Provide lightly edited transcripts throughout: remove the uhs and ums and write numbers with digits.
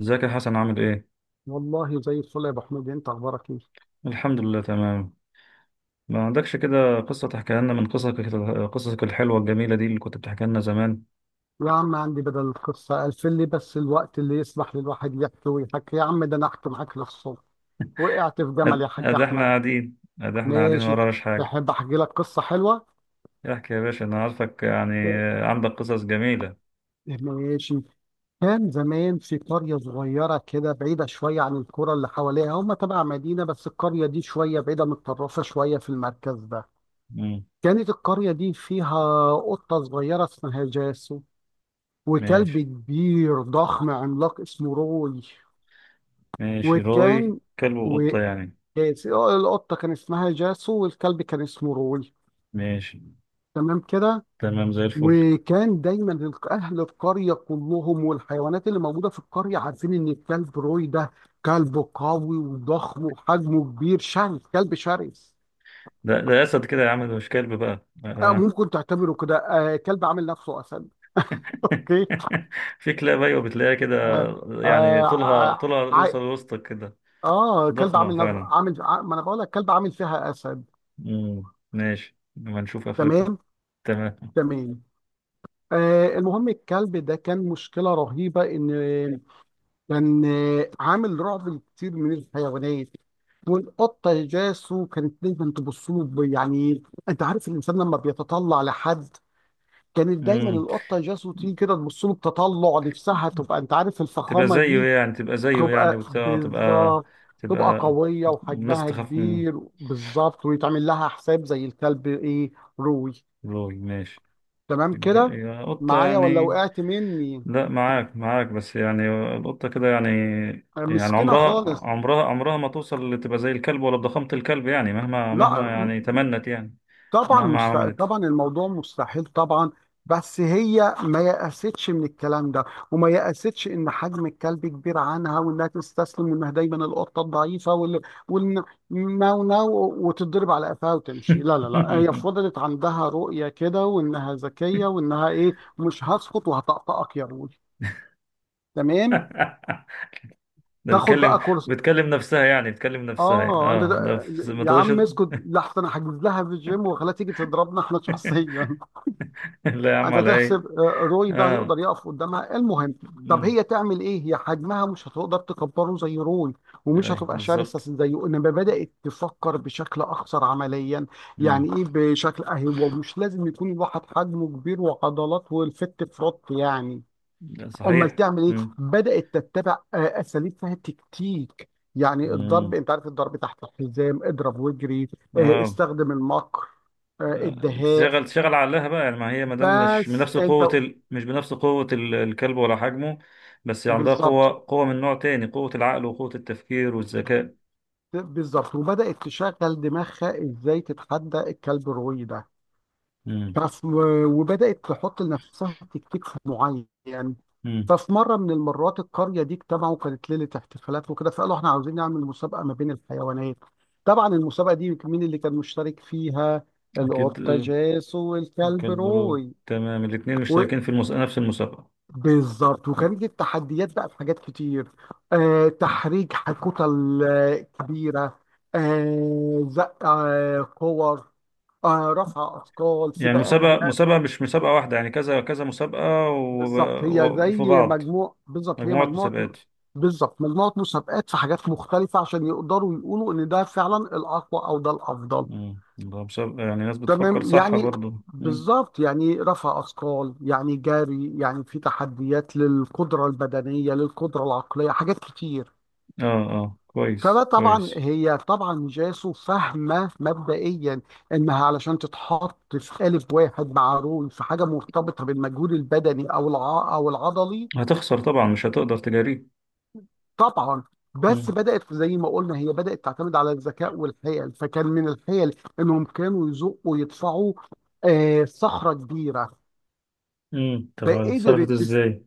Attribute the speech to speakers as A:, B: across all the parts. A: ازيك يا حسن؟ عامل ايه؟
B: والله زي الفل يا ابو حميد، انت اخبارك ايه؟
A: الحمد لله، تمام. ما عندكش كده قصة تحكيها لنا من قصصك الحلوة الجميلة دي اللي كنت بتحكي لنا زمان.
B: يا عم عندي بدل القصه الفل، لي بس الوقت اللي يسمح للواحد يحكي ويحكي. يا عم ده انا احكي معاك للصبح. وقعت في جمل
A: أد
B: يا حاج
A: أد احنا
B: احمد.
A: قاعدين أد احنا قاعدين، ما
B: ماشي.
A: وراناش حاجة.
B: تحب احكي لك قصه حلوه؟
A: احكي يا باشا، أنا عارفك يعني، عندك قصص جميلة.
B: ماشي. كان زمان في قريه صغيره كده بعيده شويه عن القرى اللي حواليها، هم تبع مدينه بس القريه دي شويه بعيده متطرفه شويه في المركز ده.
A: مم.
B: كانت القريه دي فيها قطه صغيره اسمها جاسو، وكلب
A: ماشي.
B: كبير ضخم عملاق اسمه روي.
A: ماشي، روي
B: وكان
A: كلب
B: و
A: وقطة يعني؟
B: آه، القطة كان اسمها جاسو والكلب كان اسمه روي.
A: ماشي.
B: تمام كده.
A: تمام، زي الفل.
B: وكان دايما أهل القرية كلهم والحيوانات اللي موجودة في القرية عارفين إن الكلب روي ده كلب قوي وضخم وحجمه كبير، شرس، كلب شرس.
A: ده أسد كده يا عم، ده مش كلب بقى،
B: آه
A: آه.
B: ممكن تعتبره كده، آه كلب عامل نفسه أسد. أوكي.
A: في كلاب، أيوة، بتلاقيها كده.
B: آه.
A: يعني طولها
B: آه
A: طولها
B: ع-
A: يوصل لوسطك كده.
B: اه كلب
A: ضخمة
B: عامل نف...
A: فعلا.
B: عامل ع- ما انا بقول لك كلب عامل فيها اسد.
A: مم. ماشي، لما نشوف آخرته.
B: تمام.
A: تمام.
B: تمام. آه المهم الكلب ده كان مشكله رهيبه، ان كان عامل رعب لكتير من الحيوانات. والقطه جاسو كانت دايما تبص له، يعني انت عارف الانسان لما بيتطلع لحد، كانت دايما
A: مم.
B: القطه جاسو تيجي كده تبص له، بتطلع نفسها تبقى، انت عارف
A: تبقى
B: الفخامه
A: زيه
B: دي.
A: يعني،
B: تبقى
A: وتبقى تبقى
B: بالظبط. تبقى
A: تبقى
B: قوية
A: الناس
B: وحجمها
A: تخاف من...
B: كبير بالظبط، ويتعمل لها حساب زي الكلب ايه، روي.
A: لوي، ماشي.
B: تمام كده.
A: يا قطة
B: معايا ولا
A: يعني.
B: وقعت مني؟
A: لا، معاك معاك بس يعني. القطة كده يعني. يعني
B: مسكينة
A: عمرها،
B: خالص.
A: ما توصل لتبقى زي الكلب ولا بضخامة الكلب، يعني مهما
B: لا
A: يعني تمنت يعني. مهما عملت.
B: طبعا الموضوع مستحيل طبعا. بس هي ما يأستش من الكلام ده، وما يأستش ان حجم الكلب كبير عنها، وانها تستسلم، وانها دايما القطه الضعيفه وال وال ناو ناو، وتتضرب على قفاها وتمشي. لا لا لا، هي فضلت عندها رؤيه كده، وانها ذكيه، وانها ايه، مش هسقط وهطقطقك يا رول. تمام.
A: ده
B: تاخد
A: بتكلم
B: بقى كورس.
A: بتكلم نفسها يعني،
B: اه انت،
A: اه، ده في... ما
B: يا
A: تقدرش.
B: عم اسكت لحظه، انا حاجز لها في الجيم وخليها تيجي تضربنا احنا شخصيا.
A: لا يا عم،
B: انت
A: على ايه؟
B: تحسب روي ده
A: اه،
B: هيقدر يقف قدامها. المهم، طب
A: امم.
B: هي تعمل ايه؟ هي حجمها مش هتقدر تكبره زي روي، ومش
A: اي
B: هتبقى شرسه
A: بالظبط.
B: زيه، انما بدات تفكر بشكل اكثر عمليا.
A: امم.
B: يعني ايه بشكل؟ اهي هو مش لازم يكون الواحد حجمه كبير وعضلات والفت فروت يعني.
A: لا،
B: امال
A: صحيح،
B: تعمل ايه؟
A: امم.
B: بدات تتبع اساليب فيها تكتيك. يعني الضرب،
A: امم.
B: انت عارف، الضرب تحت الحزام، اضرب واجري.
A: اه.
B: استخدم المكر،
A: آه،
B: الدهاء.
A: تشغل عقلها بقى. يعني ما هي ما دام مش
B: بس
A: بنفس
B: انت.
A: قوة الكلب ولا حجمه. بس عندها
B: بالظبط.
A: قوة من نوع تاني، قوة العقل وقوة التفكير والذكاء.
B: بالظبط، وبدأت تشغل دماغها ازاي تتحدى الكلب الروي ده.
A: امم.
B: فف وبدأت تحط لنفسها تكتيك معين.
A: امم.
B: ففي مرة من المرات، القرية دي اجتمعوا، كانت ليلة احتفالات وكده، فقالوا احنا عاوزين نعمل مسابقة ما بين الحيوانات. طبعا المسابقة دي مين اللي كان مشترك فيها؟
A: اكيد،
B: القطة
A: آه.
B: جاس والكلب
A: كلب.
B: روي.
A: تمام، الاتنين مشتركين في المس... نفس المسابقة.
B: بالظبط، وكان دي التحديات بقى في حاجات كتير. آه تحريج، كتل كبيرة، آه زق، آه كور، آه رفع أثقال،
A: يعني
B: سباقات جري.
A: مسابقة مش مسابقة واحدة، يعني كذا كذا مسابقة، وفي بعض.
B: بالظبط هي
A: مجموعة
B: مجموعة.
A: مسابقات.
B: بالظبط مجموعة مسابقات في حاجات مختلفة، عشان يقدروا يقولوا إن ده فعلا الأقوى أو ده الأفضل.
A: مم. ده مسابقة، يعني ناس بتفكر
B: تمام
A: صح
B: يعني.
A: برضو. مم.
B: بالظبط يعني، رفع أثقال يعني، جري يعني، في تحديات للقدرة البدنية للقدرة العقلية، حاجات كتير.
A: اه، اه، كويس
B: فطبعا
A: كويس.
B: هي، طبعا جاسو فاهمه مبدئيا انها علشان تتحط في قالب واحد مع رول في حاجه مرتبطه بالمجهود البدني او العضلي
A: هتخسر طبعا، مش هتقدر تجاريه.
B: طبعا. بس
A: مم.
B: بدات زي ما قلنا، هي بدات تعتمد على الذكاء والحيل. فكان من الحيل انهم كانوا يزقوا ويدفعوا آه صخره كبيره.
A: مم. طب اتصرفت
B: فقدرت
A: ازاي؟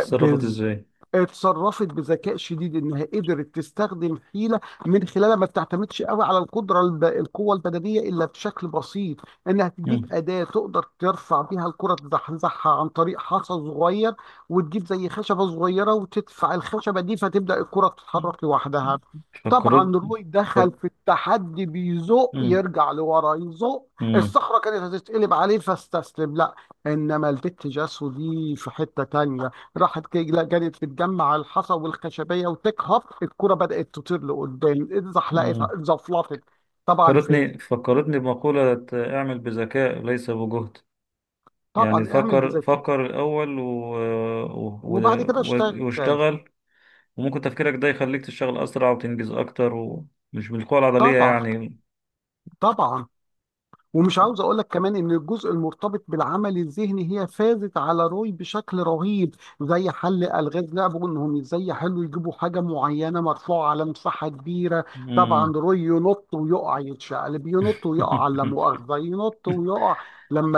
A: اتصرفت
B: بز
A: ازاي؟
B: اتصرفت بذكاء شديد، انها قدرت تستخدم حيله من خلالها ما بتعتمدش قوي على القوه البدنيه الا بشكل بسيط. انها تجيب
A: مم.
B: اداه تقدر ترفع بيها الكره تزحزحها، عن طريق حصى صغير وتجيب زي خشبه صغيره وتدفع الخشبه دي، فتبدا الكره
A: مم.
B: تتحرك لوحدها.
A: فكرت.
B: طبعا روي دخل
A: فك...
B: في التحدي بيزق،
A: مم.
B: يرجع لورا يزق،
A: مم.
B: الصخره كانت هتتقلب عليه فاستسلم. لا، انما البت جاسو دي في حته تانية، لا جريت بتجمع الحصى والخشبيه وتكهف الكره، بدات تطير لقدام، اتزحلقت،
A: مم.
B: اتزفلطت. طبعا فين.
A: فكرتني بمقولة: اعمل بذكاء ليس بجهد. يعني
B: طبعا اعمل
A: فكر
B: بذكاء،
A: فكر الأول، و...
B: وبعد كده اشتغل.
A: واشتغل. وممكن تفكيرك ده يخليك تشتغل أسرع وتنجز أكتر، ومش بالقوة العضلية
B: طبعا.
A: يعني.
B: طبعا، ومش عاوز اقول لك كمان ان الجزء المرتبط بالعمل الذهني هي فازت على روي بشكل رهيب. زي حل الغاز، لعبوا انهم ازاي يحلوا، يجيبوا حاجه معينه مرفوعه على مساحه كبيره. طبعا
A: مم.
B: روي ينط ويقع، يتشقلب، ينط ويقع، على مؤاخذه ينط ويقع، لما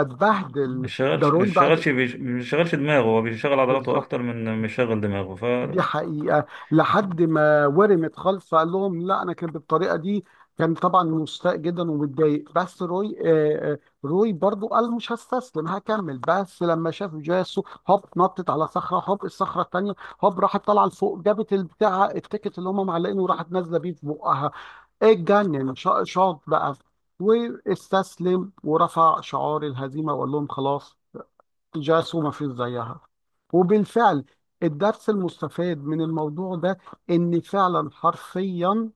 B: اتبهدل ده روي. بعد،
A: ما يشغلش دماغه، هو بيشغل عضلاته
B: بالظبط،
A: أكتر من ما يشغل دماغه.
B: دي حقيقة، لحد ما ورمت خالص، فقال لهم لا أنا كان بالطريقة دي. كان طبعا مستاء جدا ومتضايق بس روي، روي برضو قال مش هستسلم، هكمل. بس لما شاف جاسو هوب نطت على صخرة، هوب الصخرة التانية، هوب راحت طالعة لفوق، جابت البتاع التيكت اللي هم معلقينه، وراحت نازلة بيه في بقها، اتجنن، شاط بقى واستسلم ورفع شعار الهزيمة، وقال لهم خلاص، جاس وما فيش زيها. وبالفعل الدرس المستفاد من الموضوع ده، ان فعلا حرفيا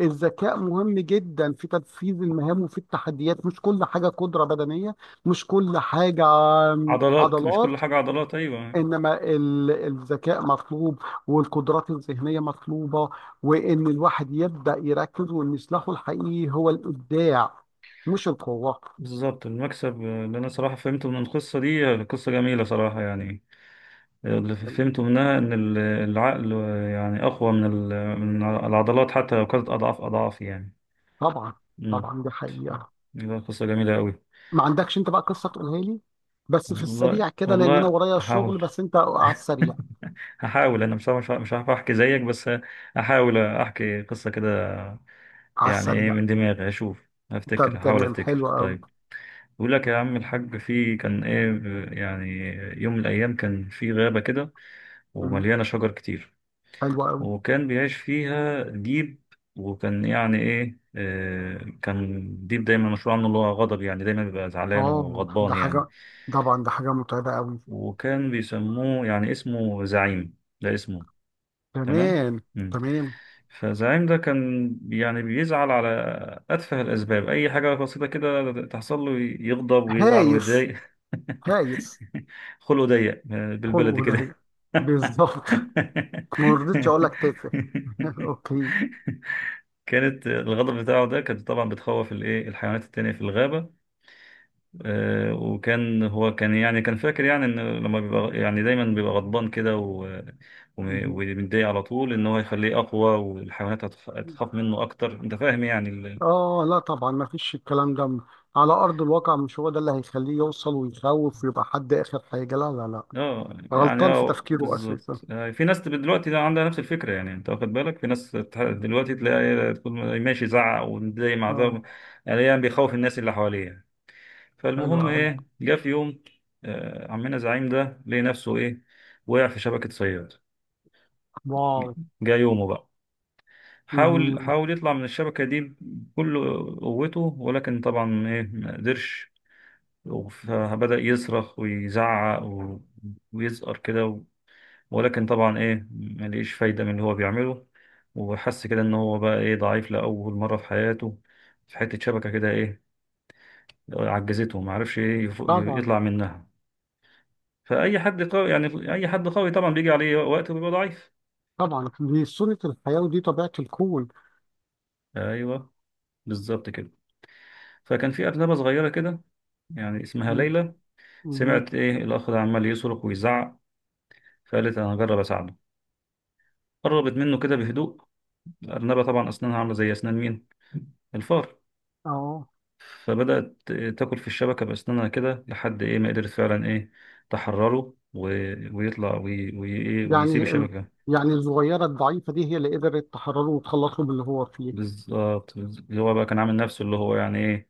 B: الذكاء مهم جدا في تنفيذ المهام وفي التحديات، مش كل حاجة قدرة بدنية، مش كل حاجة
A: فعضلات مش كل
B: عضلات،
A: حاجة عضلات، أيوه.
B: انما الذكاء مطلوب، والقدرات الذهنية مطلوبة، وان الواحد يبدأ يركز، وان سلاحه الحقيقي هو الإبداع مش القوة.
A: بالظبط، المكسب اللي أنا صراحة فهمته من القصة دي، قصة جميلة صراحة يعني، اللي فهمته منها إن العقل يعني أقوى من العضلات، حتى لو كانت أضعاف أضعاف يعني.
B: طبعا.
A: مم.
B: طبعا دي حقيقة.
A: دي قصة جميلة أوي.
B: ما عندكش انت بقى قصه تقولها لي؟ بس في
A: والله
B: السريع كده لان انا
A: والله
B: ورايا شغل،
A: هحاول.
B: بس انت على السريع.
A: هحاول، أنا مش عارف مش هعرف أحكي زيك بس. هحاول أحكي قصة كده.
B: على
A: يعني إيه،
B: السريع.
A: من دماغي هشوف
B: طب
A: هفتكر هحاول
B: تمام،
A: أفتكر.
B: حلو قوي.
A: طيب. بيقول لك يا عم الحاج، في كان إيه يعني، يوم من الأيام كان في غابة كده،
B: مم،
A: ومليانة شجر كتير.
B: حلو قوي.
A: وكان بيعيش فيها ديب. وكان يعني ايه، كان ديب دايما مشهور عنه اللي هو غضب، يعني دايما بيبقى زعلان
B: اه
A: وغضبان
B: ده
A: يعني.
B: حاجه، طبعا ده حاجه متعبه قوي.
A: وكان بيسموه يعني اسمه زعيم، ده اسمه. تمام.
B: تمام.
A: مم.
B: تمام.
A: فزعيم ده كان يعني بيزعل على أتفه الأسباب، أي حاجة بسيطة كده تحصل له يغضب ويزعل
B: هايف.
A: ويتضايق.
B: هايف.
A: خلقه ضيق، بالبلدي
B: خلقه ده.
A: كده.
B: بالظبط. ما رضيتش اقول لك تافه. اوكي.
A: كانت الغدر بتاعه ده كانت طبعا بتخوف الايه الحيوانات التانية في الغابة. وكان هو كان فاكر، يعني ان لما بيبقى يعني دايما بيبقى غضبان كده،
B: مهم.
A: ومتضايق على طول، ان هو يخليه اقوى، والحيوانات هتخاف منه اكتر. انت فاهم يعني.
B: اه لا طبعا ما فيش الكلام ده، على ارض الواقع مش هو ده اللي هيخليه يوصل ويخوف ويبقى حد، اخر حاجه لا لا لا،
A: اه، يعني
B: غلطان في
A: اه
B: تفكيره اساسا.
A: بالظبط، في ناس تبقى دلوقتي ده عندها نفس الفكرة، يعني انت واخد بالك، في ناس دلوقتي تلاقي تكون ماشي يزعق ومتضايق مع
B: اه.
A: ده، يعني بيخوف الناس اللي حواليه يعني.
B: حلو
A: فالمهم
B: قوي.
A: ايه، جه في يوم، عمنا زعيم ده لقي نفسه ايه؟ وقع في شبكة صياد.
B: واو.
A: جه يومه بقى. حاول
B: مهم.
A: حاول يطلع من الشبكة دي بكل قوته، ولكن طبعا ايه ما قدرش. فبدأ يصرخ ويزعق، ويزقر كده، ولكن طبعا ايه ما لقيش فايدة من اللي هو بيعمله. وحس كده ان هو بقى ايه ضعيف لأول مرة في حياته، في حتة شبكة كده ايه عجزته، ما عرفش ايه
B: طبعا.
A: يطلع منها. فأي حد قوي، طبعا بيجي عليه وقت وبيبقى ضعيف.
B: طبعا دي سنة الحياة ودي طبيعة الكون.
A: أيوه بالظبط كده. فكان في أرنبة صغيرة كده، يعني اسمها
B: مهم.
A: ليلى.
B: مهم.
A: سمعت إيه الأخ ده عمال يصرخ ويزعق، فقالت أنا هجرب أساعده. قربت منه كده بهدوء. الأرنبة طبعا أسنانها عاملة زي أسنان مين؟ الفار.
B: اه،
A: فبدأت تاكل في الشبكة بأسنانها كده لحد إيه ما قدرت فعلا إيه تحرره، ويطلع، إيه ويسيب
B: يعني ال...
A: الشبكة.
B: يعني الصغيرة الضعيفة دي هي اللي قدرت تحرره وتخلصه من اللي هو فيه.
A: بالظبط بالظبط. اللي هو بقى كان عامل نفسه اللي هو يعني إيه،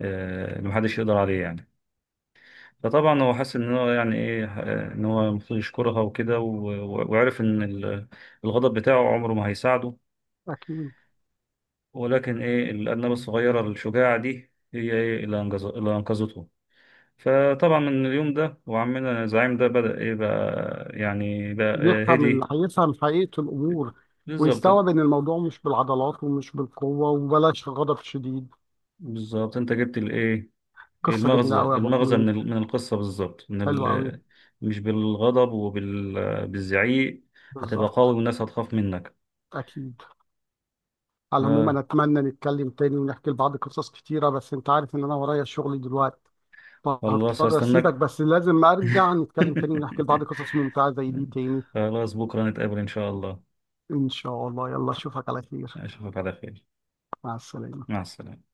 A: اللي محدش يقدر عليه يعني. فطبعا هو حس ان هو يعني ايه، ان هو المفروض يشكرها وكده، وعرف ان الغضب بتاعه عمره ما هيساعده،
B: اكيد.
A: ولكن ايه الارنبه الصغيره الشجاعه دي هي ايه اللي اللي انقذته. فطبعا من اليوم ده وعمنا زعيم ده بدأ ايه بقى يعني بقى هدي.
B: هيفهم حقيقة الامور،
A: بالظبط.
B: ويستوعب ان الموضوع مش بالعضلات ومش بالقوة وبلاش غضب شديد.
A: بالظبط، انت جبت الايه.
B: قصة جميلة
A: المغزى
B: قوي يا ابو
A: المغزى من
B: حميد.
A: ال- من القصه بالظبط،
B: حلو قوي.
A: مش بالغضب وبالزعيق. هتبقى
B: بالظبط.
A: قوي والناس هتخاف منك.
B: اكيد. على العموم انا اتمنى نتكلم تاني ونحكي لبعض قصص كتيره، بس انت عارف ان انا ورايا شغل دلوقتي،
A: خلاص،
B: فهضطر اسيبك،
A: هستناك.
B: بس لازم ارجع نتكلم تاني ونحكي لبعض قصص ممتعه زي دي تاني.
A: خلاص، بكرة نتقابل إن شاء الله.
B: ان شاء الله، يلا اشوفك على خير.
A: أشوفك على خير.
B: مع السلامه.
A: مع السلامة.